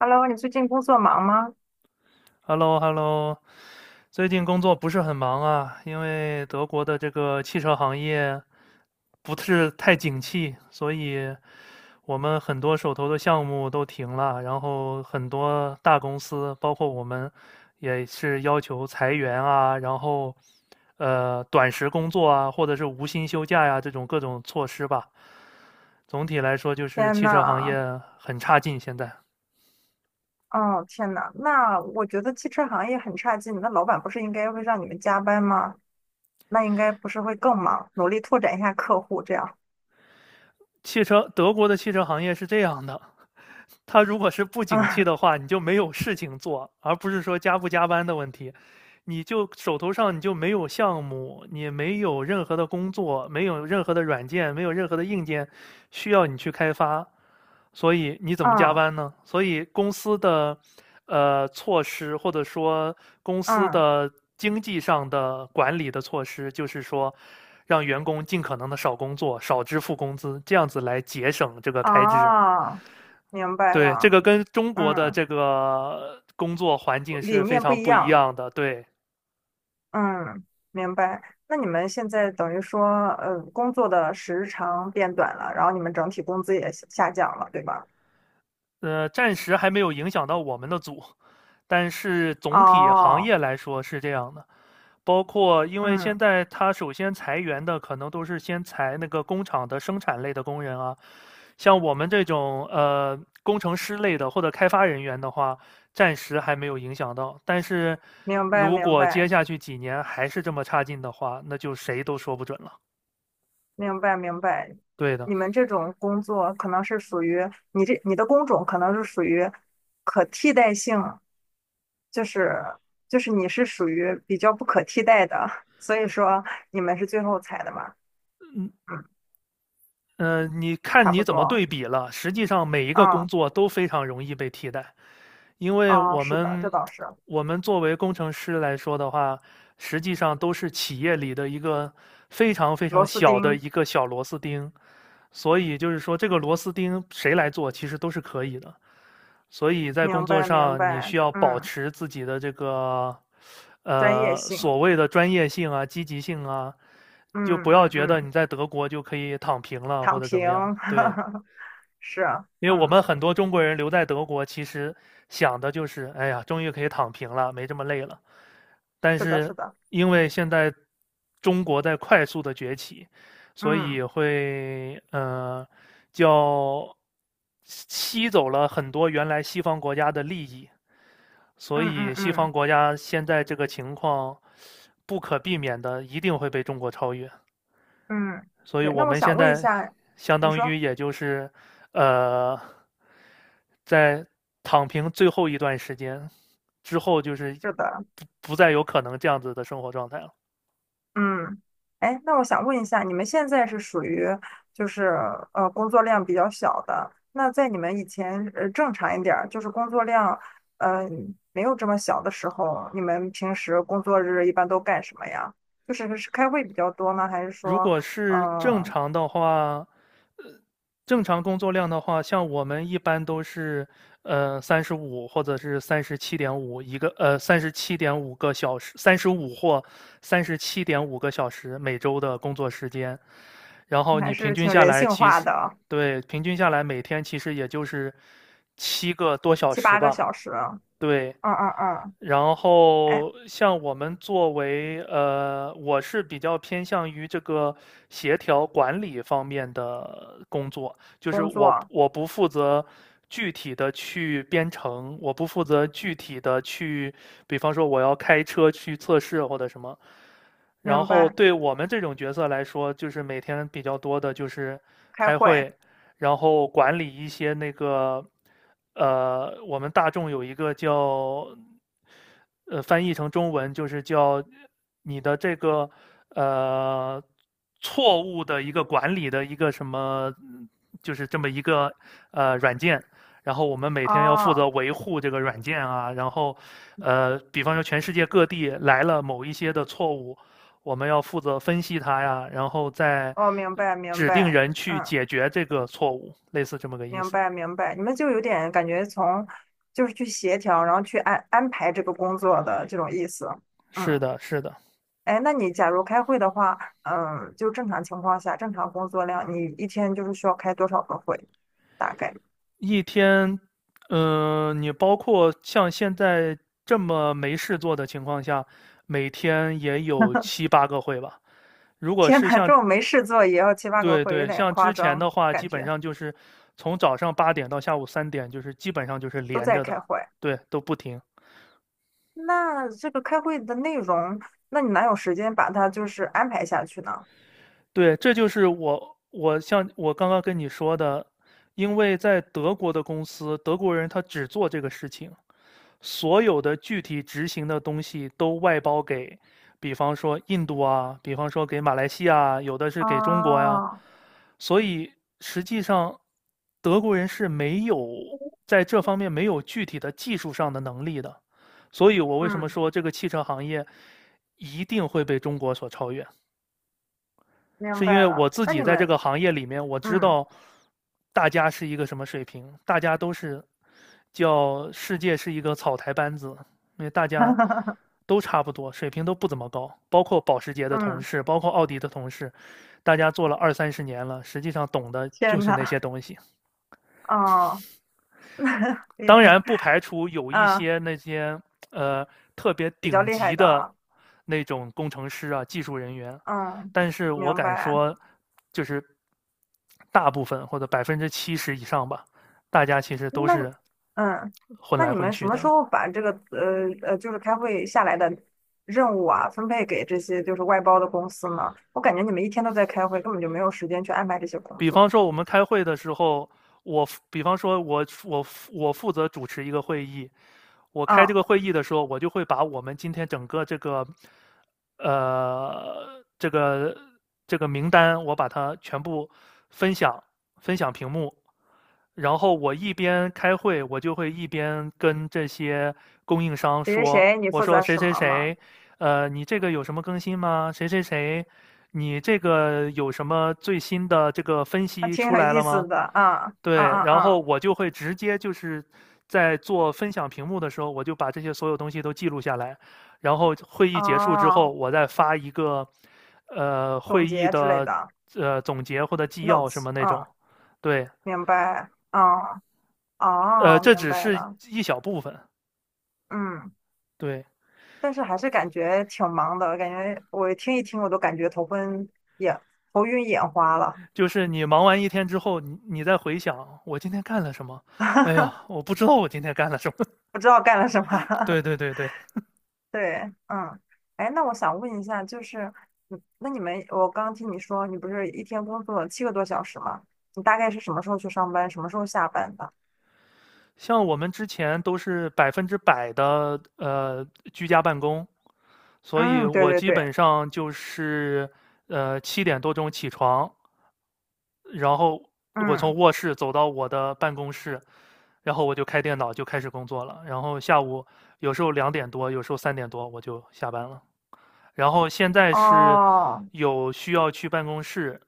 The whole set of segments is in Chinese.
Hello，你最近工作忙吗？h e l l o h e l l o 最近工作不是很忙啊，因为德国的这个汽车行业不是太景气，所以我们很多手头的项目都停了，然后很多大公司，包括我们，也是要求裁员啊，然后短时工作啊，或者是无薪休假呀，这种各种措施吧。总体来说，就是天汽车行呐，业很差劲。现在哦天呐，那我觉得汽车行业很差劲，那老板不是应该会让你们加班吗？那应该不是会更忙，努力拓展一下客户，这样。汽车，德国的汽车行业是这样的，他如果是不 景气嗯的话，你就没有事情做，而不是说加不加班的问题。你就手头上你就没有项目，你没有任何的工作，没有任何的软件，没有任何的硬件需要你去开发，所以你怎么加嗯班呢？所以公司的措施，或者说公司嗯，的经济上的管理的措施，就是说让员工尽可能的少工作，少支付工资，这样子来节省这个开支。啊，明白对，这了，个跟中国的嗯，这个工作环境理是非念不常一不一样，样的。对，嗯，明白。那你们现在等于说，工作的时长变短了，然后你们整体工资也下降了，对吧？暂时还没有影响到我们的组，但是总体行哦，业来说是这样的。包括因为现嗯，在它首先裁员的可能都是先裁那个工厂的生产类的工人啊，像我们这种工程师类的或者开发人员的话，暂时还没有影响到。但是明白如明果接白。下去几年还是这么差劲的话，那就谁都说不准了。明白明白，对的。你们这种工作可能是属于你的工种可能是属于可替代性，就是就是你是属于比较不可替代的，所以说你们是最后裁的嘛，嗯，嗯，你看差你不怎么多，对比了。实际上，每一个工啊作都非常容易被替代，因为啊，是的，这倒是我们作为工程师来说的话，实际上都是企业里的一个非常非螺常丝小的钉，一个小螺丝钉，所以就是说，这个螺丝钉谁来做，其实都是可以的。所以在工明作白明上你白，需要保嗯，持自己的这个专业性，所谓的专业性啊、积极性啊，就嗯不要嗯觉得你嗯，在德国就可以躺平了或躺者怎平，么样。对。是啊，因为我嗯，们很多中国人留在德国，其实想的就是，哎呀，终于可以躺平了，没这么累了。但是的是是的，因为现在中国在快速的崛起，所以嗯会叫吸走了很多原来西方国家的利益，所嗯嗯以西方嗯。国家现在这个情况不可避免的一定会被中国超越。嗯，所以对。我那我们现想问一在下，相你当说于也就是呃，在躺平最后一段时间之后，就是是的，不再有可能这样子的生活状态了。嗯，哎，那我想问一下，你们现在是属于就是工作量比较小的，那在你们以前正常一点儿，就是工作量呃没有这么小的时候，你们平时工作日一般都干什么呀？就是是开会比较多呢，还是如说果嗯、是正呃常的话，呃，正常工作量的话，像我们一般都是，三十五或者是三十七点五一个，三十七点五个小时三十五或三十七点五个小时每周的工作时间。然后还你平是均挺下人来，性其化实，的，对，平均下来每天其实也就是七个多小七时八个吧，小时？嗯对。嗯嗯，然哎，后像我们作为我是比较偏向于这个协调管理方面的工作，就是工作，我不负责具体的去编程，我不负责具体的去，比方说我要开车去测试或者什么，然明后白，对我们这种角色来说，就是每天比较多的就是开开会。会，然后管理一些那个，我们大众有一个叫，翻译成中文就是叫你的这个呃错误的一个管理的一个什么，就是这么一个软件。然后我们每天要负责哦，维护这个软件啊，然后，比方说全世界各地来了某一些的错误，我们要负责分析它呀，然后再哦，明白明指定白，人去嗯，解决这个错误，类似这么个意明思。白明白，你们就有点感觉从就是去协调，然后去安排这个工作的这种意思，是嗯，的，是的，哎，那你假如开会的话，就正常情况下，正常工作量，你一天就是需要开多少个会？大概？一天，嗯，你包括像现在这么没事做的情况下，每天也有七八个会吧。如 果天是呐，这像，种没事做也要七八个对会，有对，点像夸之前张，的话，感基本觉上就是从早上八点到下午三点，就是基本上就是都连在着的，开会。对，都不停。那这个开会的内容，那你哪有时间把它就是安排下去呢？对，这就是我像我刚刚跟你说的，因为在德国的公司，德国人他只做这个事情，所有的具体执行的东西都外包给，比方说印度啊，比方说给马来西亚，有的是给中国呀，哦，所以实际上德国人是没有在这方面没有具体的技术上的能力的，所以我为什么嗯。说这个汽车行业一定会被中国所超越？明是因为白我了。自那己你在这们，个行业里面，我知嗯 道大家是一个什么水平，大家都是叫世界是一个草台班子，因为大家 都差不多，水平都不怎么高，包括保时捷的同嗯，事，包括奥迪的同事，大家做了二三十年了，实际上懂的就天是那呐，些东西。哦，厉当害，然不排除有一啊，些那些呃特别比较顶厉害级的的啊，那种工程师啊、技术人员，嗯，但是我明敢白。说，就是大部分或者70%以上吧，大家其实都那你是嗯，混那来你混们什去么的。时候把这个就是开会下来的任务啊，分配给这些就是外包的公司呢？我感觉你们一天都在开会，根本就没有时间去安排这些工比方作。说我们开会的时候，我比方说我负责主持一个会议，我开这嗯，个会议的时候，我就会把我们今天整个这个，这个名单，我把它全部分享分享屏幕，然后我一边开会，我就会一边跟这些供应商谁谁说，谁，你我负说责谁什谁么吗？谁，你这个有什么更新吗？谁谁谁，你这个有什么最新的这个分还析挺出有来意了吗？思的，啊，啊对，然后啊我就会直接就是在做分享屏幕的时候，我就把这些所有东西都记录下来，然后会议啊，结束之后，哦，我再发一个，总会议结之类的的。总结或者纪要什 notes，么那种，嗯对。明白，哦哦，这明只白是了，一小部分。嗯，对，但是还是感觉挺忙的，感觉我听一听我都感觉眼头晕眼花了，就是你忙完一天之后，你再回想我今天干了什么，哎呀，我不知道我今天干了什么。不知道干了什么。对 对对对，对，嗯，哎，那我想问一下，就是，嗯那你们，我刚刚听你说你不是一天工作七个多小时吗？你大概是什么时候去上班，什么时候下班的？像我们之前都是100%的居家办公，所以嗯，对我对基对，本上就是7点多钟起床，然后我从嗯，卧室走到我的办公室，然后我就开电脑就开始工作了，然后下午有时候2点多，有时候3点多我就下班了。然后现在是哦，有需要去办公室，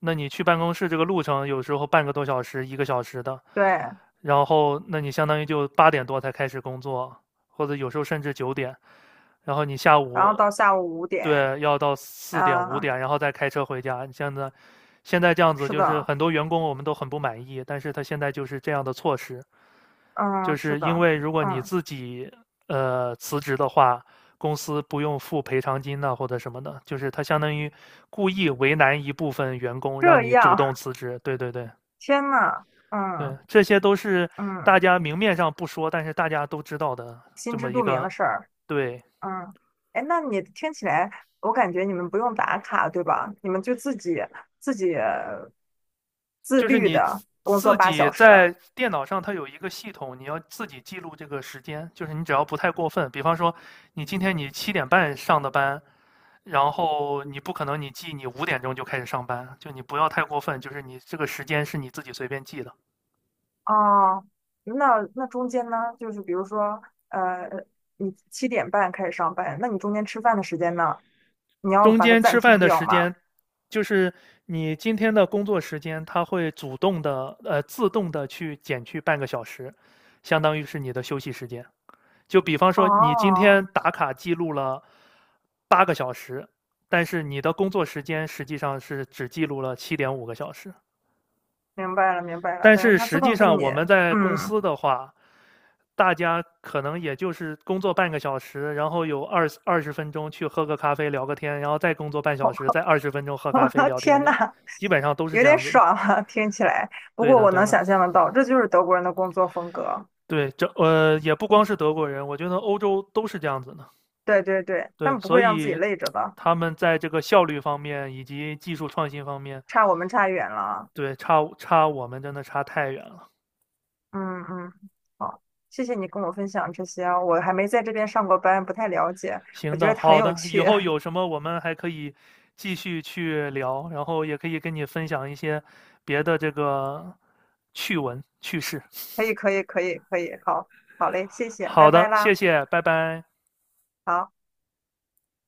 那你去办公室这个路程有时候半个多小时、1个小时的，对，然后那你相当于就8点多才开始工作，或者有时候甚至9点，然后你下然后午到下午五点，对要到4点五啊，点，然后再开车回家。你现在现在这样子，是就是的，很多员工我们都很不满意，但是他现在就是这样的措施，就嗯，是是因的，为如果你嗯，自己辞职的话，公司不用付赔偿金呐、或者什么的，就是他相当于故意为难一部分员工，让这你主样，动辞职。对对对 天呐，对，嗯这些都是大嗯，家明面上不说，但是大家都知道的这心么知一肚明的个事儿，对。嗯，哎，那你听起来，我感觉你们不用打卡，对吧？你们就自己自己自就是律你的工作自八小己时。在电脑上，它有一个系统，你要自己记录这个时间。就是你只要不太过分，比方说你今天你7点半上的班，然后你不可能你记你5点钟就开始上班，就你不要太过分，就是你这个时间是你自己随便记的。哦，那那中间呢，就是比如说，呃，你七点半开始上班，那你中间吃饭的时间呢，你要中把它间暂吃饭停的掉时吗？间，就是你今天的工作时间，它会主动的自动的去减去半个小时，相当于是你的休息时间。就比方说，你今天哦，打卡记录了8个小时，但是你的工作时间实际上是只记录了七点五个小时。明白了，明白了，但等于是它自实际动给上你，我们在公嗯。司的话，大家可能也就是工作半个小时，然后有二十分钟去喝个咖啡聊个天，然后再工作半小时，再二十分钟喝咖啡 聊天，天这样呐，基本上都是有这点样子的。爽啊，听起来。不对过的，我对能的，想象得到，这就是德国人的工作风格。对，这也不光是德国人，我觉得欧洲都是这样子的。对对对，他对，们不所会让自己以累着的，他们在这个效率方面以及技术创新方面，差我们差远了啊对，差我们真的差太远了。嗯嗯，好，谢谢你跟我分享这些啊我还没在这边上过班，不太了解，我行觉的，得很好有的，以趣。后有 什么我们还可以继续去聊，然后也可以跟你分享一些别的这个趣闻趣事。可以可以可以可以，好，好嘞，谢谢，拜好拜的，谢啦。谢，拜拜。好。